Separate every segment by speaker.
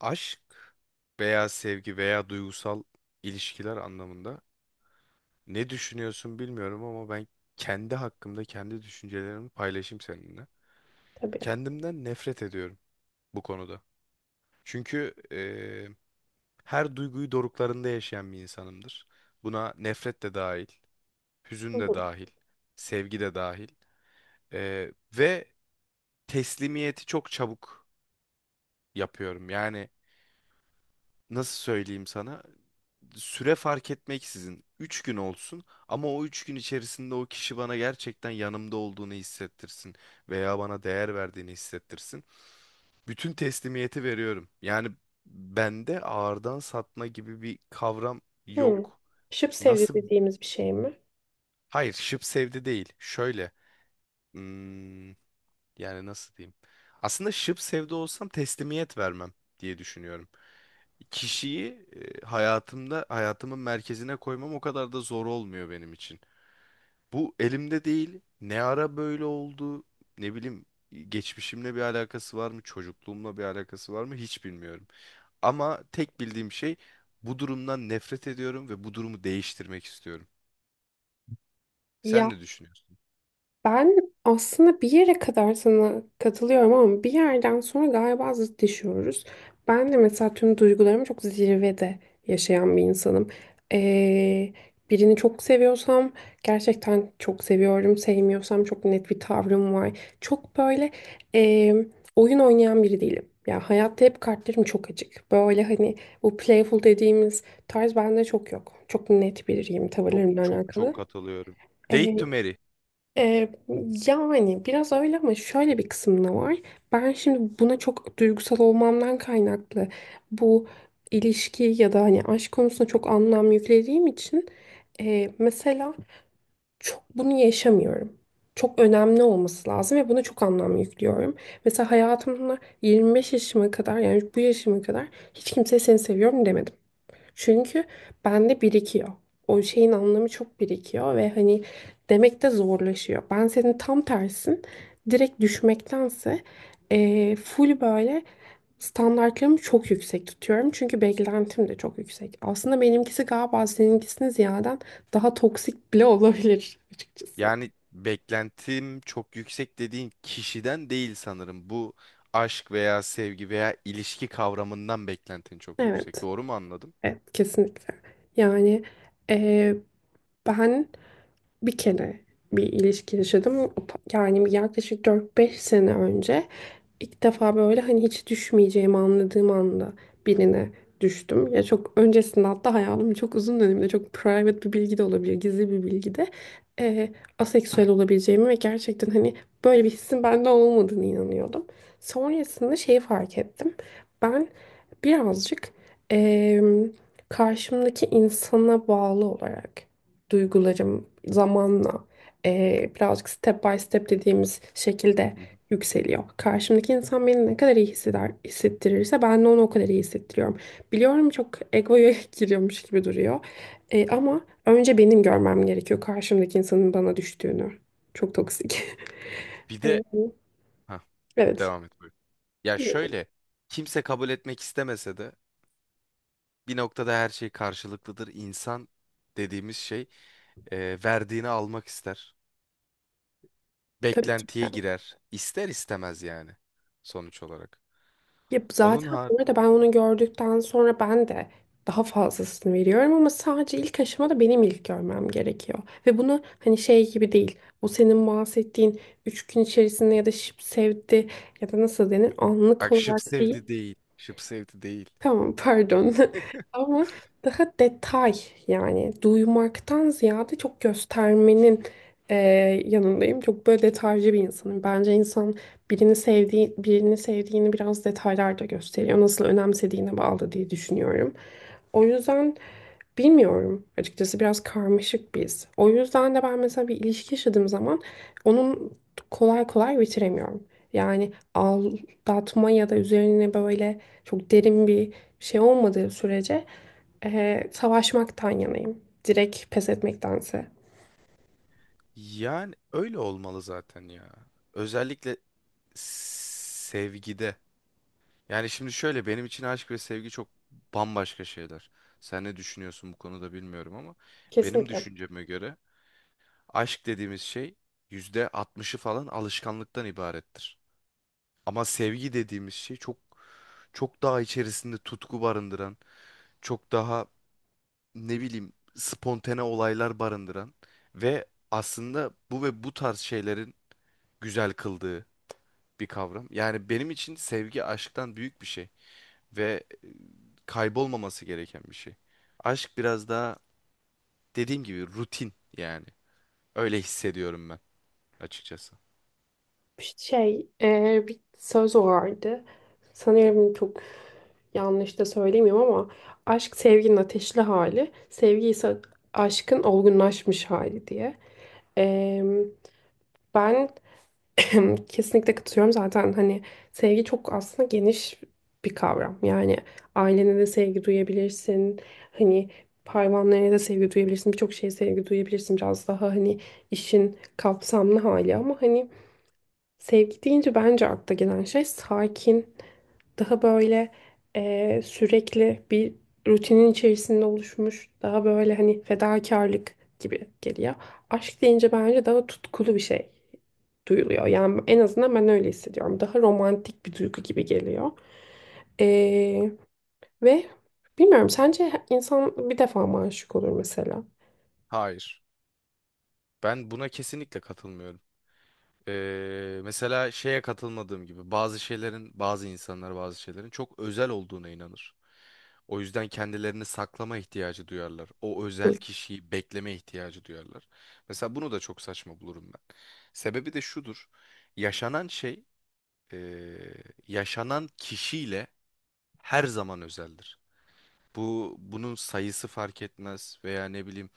Speaker 1: Aşk veya sevgi veya duygusal ilişkiler anlamında ne düşünüyorsun bilmiyorum ama ben kendi hakkımda kendi düşüncelerimi paylaşayım seninle.
Speaker 2: Tabii.
Speaker 1: Kendimden nefret ediyorum bu konuda. Çünkü her duyguyu doruklarında yaşayan bir insanımdır. Buna nefret de dahil, hüzün de
Speaker 2: Hı
Speaker 1: dahil, sevgi de dahil. Eee, ve teslimiyeti çok çabuk yapıyorum. Yani nasıl söyleyeyim sana? Süre fark etmeksizin üç gün olsun ama o 3 gün içerisinde o kişi bana gerçekten yanımda olduğunu hissettirsin veya bana değer verdiğini hissettirsin. Bütün teslimiyeti veriyorum. Yani bende ağırdan satma gibi bir kavram
Speaker 2: hı. Hı.
Speaker 1: yok.
Speaker 2: Şıp sevdi
Speaker 1: Nasıl?
Speaker 2: dediğimiz bir şey mi?
Speaker 1: Hayır, şıp sevdi değil. Şöyle. hmm, Yani nasıl diyeyim? Aslında şıp sevde olsam teslimiyet vermem diye düşünüyorum. Kişiyi hayatımın merkezine koymam o kadar da zor olmuyor benim için. Bu elimde değil. Ne ara böyle oldu? Ne bileyim, geçmişimle bir alakası var mı? Çocukluğumla bir alakası var mı? Hiç bilmiyorum. Ama tek bildiğim şey, bu durumdan nefret ediyorum ve bu durumu değiştirmek istiyorum. Sen
Speaker 2: Ya.
Speaker 1: ne düşünüyorsun?
Speaker 2: Ben aslında bir yere kadar sana katılıyorum ama bir yerden sonra galiba zıtlaşıyoruz. Ben de mesela tüm duygularımı çok zirvede yaşayan bir insanım. Ee, Birini çok seviyorsam gerçekten çok seviyorum. Sevmiyorsam çok net bir tavrım var. Çok böyle ee, oyun oynayan biri değilim. Ya hayatta hep kartlarım çok açık. Böyle hani bu playful dediğimiz tarz bende çok yok. Çok net biriyim
Speaker 1: Çok
Speaker 2: tavırlarımla
Speaker 1: çok çok
Speaker 2: alakalı.
Speaker 1: katılıyorum. Date to marry.
Speaker 2: Ee, Yani biraz öyle ama şöyle bir kısım da var. Ben şimdi buna çok duygusal olmamdan kaynaklı bu ilişki ya da hani aşk konusunda çok anlam yüklediğim için mesela çok bunu yaşamıyorum. Çok önemli olması lazım ve buna çok anlam yüklüyorum. Mesela hayatımda 25 yaşıma kadar yani bu yaşıma kadar hiç kimseye seni seviyorum demedim. Çünkü bende birikiyor. O şeyin anlamı çok birikiyor ve hani demek de zorlaşıyor. Ben senin tam tersin. Direkt düşmektense full böyle standartlarımı çok yüksek tutuyorum. Çünkü beklentim de çok yüksek. Aslında benimkisi galiba seninkisine ziyaden daha toksik bile olabilir açıkçası.
Speaker 1: Yani beklentim çok yüksek dediğin kişiden değil sanırım. Bu aşk veya sevgi veya ilişki kavramından beklentin çok yüksek.
Speaker 2: Evet,
Speaker 1: Doğru mu anladım?
Speaker 2: evet kesinlikle. Yani eee, ben bir kere bir ilişki yaşadım. O yani yaklaşık 4 5 sene önce ilk defa böyle hani hiç düşmeyeceğimi anladığım anda birine düştüm. Ya çok öncesinde hatta hayatımın çok uzun döneminde çok private bir bilgi de olabilir, gizli bir bilgi de eee, aseksüel olabileceğimi ve gerçekten hani böyle bir hissin bende olmadığını inanıyordum. Sonrasında şeyi fark ettim. Ben birazcık eee karşımdaki insana bağlı olarak duygularım zamanla birazcık step by step dediğimiz şekilde
Speaker 1: Hı hı.
Speaker 2: yükseliyor. Karşımdaki insan beni ne kadar iyi hisseder, hissettirirse ben de onu o kadar iyi hissettiriyorum. Biliyorum çok egoya giriyormuş gibi duruyor. Ama önce benim görmem gerekiyor karşımdaki insanın bana düştüğünü. Çok toksik.
Speaker 1: Bir de
Speaker 2: Eee,
Speaker 1: ha,
Speaker 2: Evet.
Speaker 1: devam et, buyur. Ya
Speaker 2: Değil mi?
Speaker 1: şöyle, kimse kabul etmek istemese de bir noktada her şey karşılıklıdır. İnsan dediğimiz şey, e, verdiğini almak ister.
Speaker 2: Tabii ki.
Speaker 1: Beklentiye girer. İster istemez yani sonuç olarak.
Speaker 2: Ya
Speaker 1: Onun
Speaker 2: zaten
Speaker 1: har
Speaker 2: bu arada ben onu gördükten sonra ben de daha fazlasını veriyorum ama sadece ilk aşamada benim ilk görmem gerekiyor. Ve bunu hani şey gibi değil. O senin bahsettiğin 3 gün içerisinde ya da şıp sevdi ya da nasıl denir anlık
Speaker 1: Bak, şıp
Speaker 2: olarak
Speaker 1: sevdi
Speaker 2: değil.
Speaker 1: değil. Şıp sevdi değil.
Speaker 2: Tamam pardon. Ama daha detay yani duymaktan ziyade çok göstermenin e, yanındayım. Çok böyle detaycı bir insanım. Bence insan birini sevdiğini biraz detaylarda gösteriyor. Nasıl önemsediğine bağlı diye düşünüyorum. O yüzden bilmiyorum. Açıkçası biraz karmaşık biz. O yüzden de ben mesela bir ilişki yaşadığım zaman onun kolay kolay bitiremiyorum. Yani al, dağıtma ya da üzerine böyle çok derin bir şey olmadığı sürece savaşmaktan yanayım. Direkt pes etmektense.
Speaker 1: Yani öyle olmalı zaten ya. Özellikle sevgide. Yani şimdi şöyle, benim için aşk ve sevgi çok bambaşka şeyler. Sen ne düşünüyorsun bu konuda bilmiyorum ama benim
Speaker 2: Kesinlikle.
Speaker 1: düşünceme göre aşk dediğimiz şey %60'ı falan alışkanlıktan ibarettir. Ama sevgi dediğimiz şey çok çok daha içerisinde tutku barındıran, çok daha ne bileyim spontane olaylar barındıran ve aslında bu ve bu tarz şeylerin güzel kıldığı bir kavram. Yani benim için sevgi aşktan büyük bir şey ve kaybolmaması gereken bir şey. Aşk biraz daha dediğim gibi rutin yani. Öyle hissediyorum ben, açıkçası.
Speaker 2: Şey, bir söz vardı. Sanıyorum çok yanlış da söylemiyorum ama aşk sevginin ateşli hali, sevgi ise aşkın olgunlaşmış hali diye. Eee, Ben kesinlikle katılıyorum zaten hani sevgi çok aslında geniş bir kavram. Yani ailene de sevgi duyabilirsin. Hani hayvanlarına da sevgi duyabilirsin. Birçok şeye sevgi duyabilirsin. Biraz daha hani işin kapsamlı hali ama hani sevgi deyince bence akla gelen şey sakin, daha böyle sürekli bir rutinin içerisinde oluşmuş, daha böyle hani fedakarlık gibi geliyor. Aşk deyince bence daha tutkulu bir şey duyuluyor. Yani en azından ben öyle hissediyorum. Daha romantik bir duygu gibi geliyor. Eee, Ve bilmiyorum sence insan bir defa mı aşık olur mesela?
Speaker 1: Hayır. Ben buna kesinlikle katılmıyorum. Mesela şeye katılmadığım gibi, bazı şeylerin, bazı insanlar bazı şeylerin çok özel olduğuna inanır. O yüzden kendilerini saklama ihtiyacı duyarlar. O özel
Speaker 2: Hı.
Speaker 1: kişiyi bekleme ihtiyacı duyarlar. Mesela bunu da çok saçma bulurum ben. Sebebi de şudur. Yaşanan şey, ee, yaşanan kişiyle her zaman özeldir. Bu, bunun sayısı fark etmez veya ne bileyim,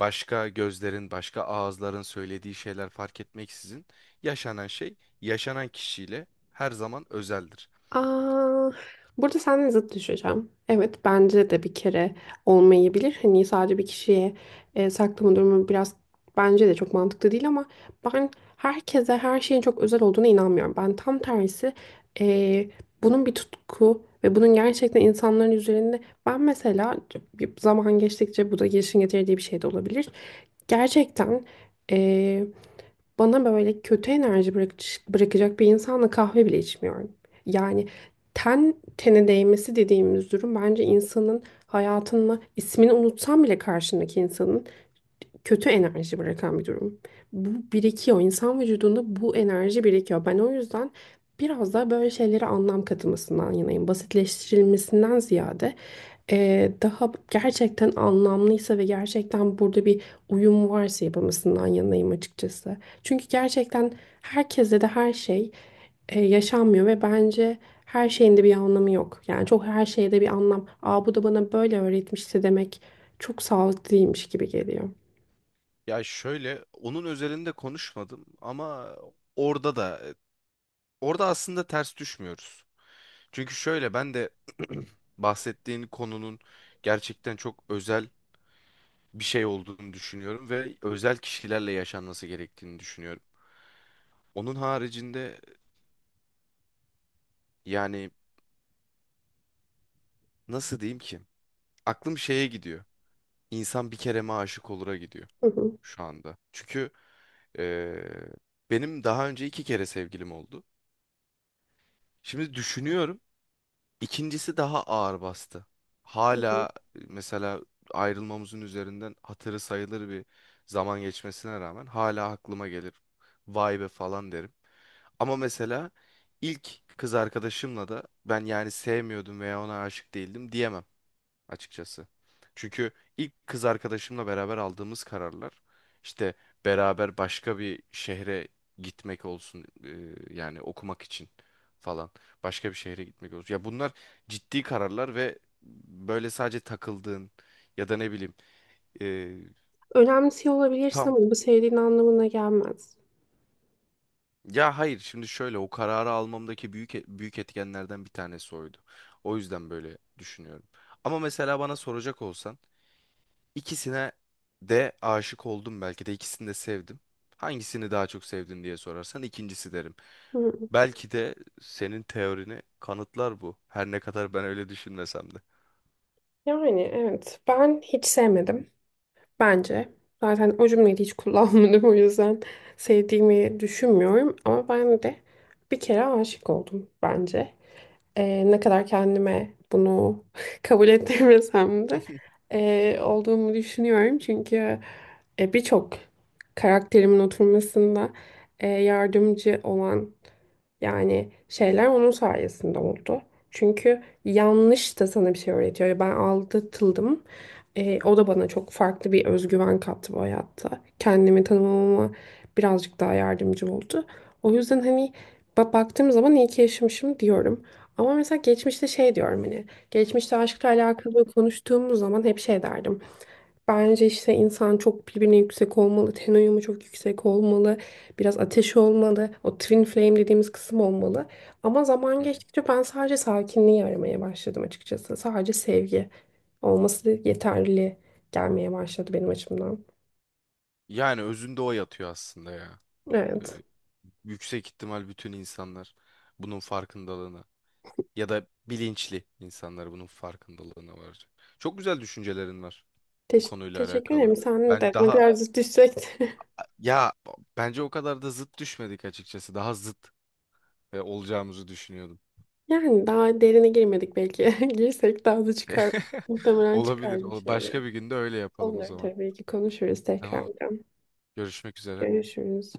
Speaker 1: başka gözlerin, başka ağızların söylediği şeyler fark etmeksizin yaşanan şey yaşanan kişiyle her zaman özeldir.
Speaker 2: Aa, burada seninle zıt düşeceğim. Evet bence de bir kere olmayabilir. Hani sadece bir kişiye saklama durumu biraz bence de çok mantıklı değil ama ben herkese her şeyin çok özel olduğuna inanmıyorum. Ben tam tersi e, bunun bir tutku ve bunun gerçekten insanların üzerinde ben mesela bir zaman geçtikçe bu da gelişim getirdiği bir şey de olabilir. Gerçekten e, bana böyle kötü enerji bırakacak bir insanla kahve bile içmiyorum. Yani ten tene değmesi dediğimiz durum bence insanın hayatını, ismini unutsam bile karşındaki insanın kötü enerji bırakan bir durum. Bu birikiyor. İnsan vücudunda bu enerji birikiyor. Ben o yüzden biraz daha böyle şeylere anlam katılmasından yanayım. Basitleştirilmesinden ziyade daha gerçekten anlamlıysa ve gerçekten burada bir uyum varsa yapılmasından yanayım açıkçası. Çünkü gerçekten herkese de her şey yaşanmıyor ve bence her şeyin de bir anlamı yok. Yani çok her şeyde bir anlam. Aa bu da bana böyle öğretmişti demek çok sağlıklı değilmiş gibi geliyor.
Speaker 1: Ya şöyle, onun özelinde konuşmadım ama orada da orada aslında ters düşmüyoruz. Çünkü şöyle, ben de bahsettiğin konunun gerçekten çok özel bir şey olduğunu düşünüyorum ve özel kişilerle yaşanması gerektiğini düşünüyorum. Onun haricinde yani nasıl diyeyim ki, aklım şeye gidiyor. İnsan bir kere mi aşık olura gidiyor
Speaker 2: Hı hı,
Speaker 1: şu anda. Çünkü eee, benim daha önce iki kere sevgilim oldu. Şimdi düşünüyorum. İkincisi daha ağır bastı.
Speaker 2: hı hı.
Speaker 1: Hala mesela ayrılmamızın üzerinden hatırı sayılır bir zaman geçmesine rağmen hala aklıma gelir. Vay be falan derim. Ama mesela ilk kız arkadaşımla da ben yani sevmiyordum veya ona aşık değildim diyemem, açıkçası. Çünkü ilk kız arkadaşımla beraber aldığımız kararlar, işte beraber başka bir şehre gitmek olsun, yani okumak için falan başka bir şehre gitmek olsun. Ya bunlar ciddi kararlar ve böyle sadece takıldığın ya da ne bileyim, e,
Speaker 2: Önemsiyor olabilirsin
Speaker 1: tam
Speaker 2: ama bu sevdiğin anlamına gelmez.
Speaker 1: ya hayır, şimdi şöyle, o kararı almamdaki büyük etkenlerden bir tanesi oydu. O yüzden böyle düşünüyorum. Ama mesela bana soracak olsan, İkisine de aşık oldum, belki de ikisini de sevdim. Hangisini daha çok sevdin diye sorarsan ikincisi derim.
Speaker 2: Hı.
Speaker 1: Belki de senin teorini kanıtlar bu. Her ne kadar ben öyle düşünmesem de.
Speaker 2: Yani evet ben hiç sevmedim. Bence. Zaten o cümleyi de hiç kullanmadım. O yüzden sevdiğimi düşünmüyorum. Ama ben de bir kere aşık oldum bence. Ne kadar kendime bunu kabul ettirmesem de olduğumu düşünüyorum. Çünkü birçok karakterimin oturmasında yardımcı olan yani şeyler onun sayesinde oldu. Çünkü yanlış da sana bir şey öğretiyor. Ben aldatıldım. O da bana çok farklı bir özgüven kattı bu hayatta. Kendimi tanımamama birazcık daha yardımcı oldu. O yüzden hani baktığım zaman iyi ki yaşamışım diyorum. Ama mesela geçmişte şey diyorum hani geçmişte aşkla alakalı konuştuğumuz zaman hep şey derdim. Bence işte insan çok birbirine yüksek olmalı, ten uyumu çok yüksek olmalı, biraz ateşi olmalı, o twin flame dediğimiz kısım olmalı. Ama
Speaker 1: Hı
Speaker 2: zaman
Speaker 1: hı.
Speaker 2: geçtikçe ben sadece sakinliği aramaya başladım açıkçası. Sadece sevgi olması yeterli gelmeye başladı benim açımdan.
Speaker 1: Yani özünde o yatıyor aslında ya. Ee,
Speaker 2: Evet.
Speaker 1: Yüksek ihtimal bütün insanlar bunun farkındalığına ya da bilinçli insanlar bunun farkındalığına varacak. Çok güzel düşüncelerin var bu konuyla
Speaker 2: Teşekkür
Speaker 1: alakalı.
Speaker 2: ederim. Sen
Speaker 1: Ben
Speaker 2: de ne
Speaker 1: daha
Speaker 2: kadar zıt düşsek.
Speaker 1: ya Bence o kadar da zıt düşmedik açıkçası. Daha zıt olacağımızı düşünüyordum.
Speaker 2: Yani daha derine girmedik belki. Girsek daha da çıkar. Muhtemelen
Speaker 1: Olabilir.
Speaker 2: çıkar bir şeyler.
Speaker 1: Başka bir günde öyle yapalım o
Speaker 2: Olur
Speaker 1: zaman.
Speaker 2: tabii ki konuşuruz
Speaker 1: Tamam.
Speaker 2: tekrardan.
Speaker 1: Görüşmek üzere.
Speaker 2: Görüşürüz.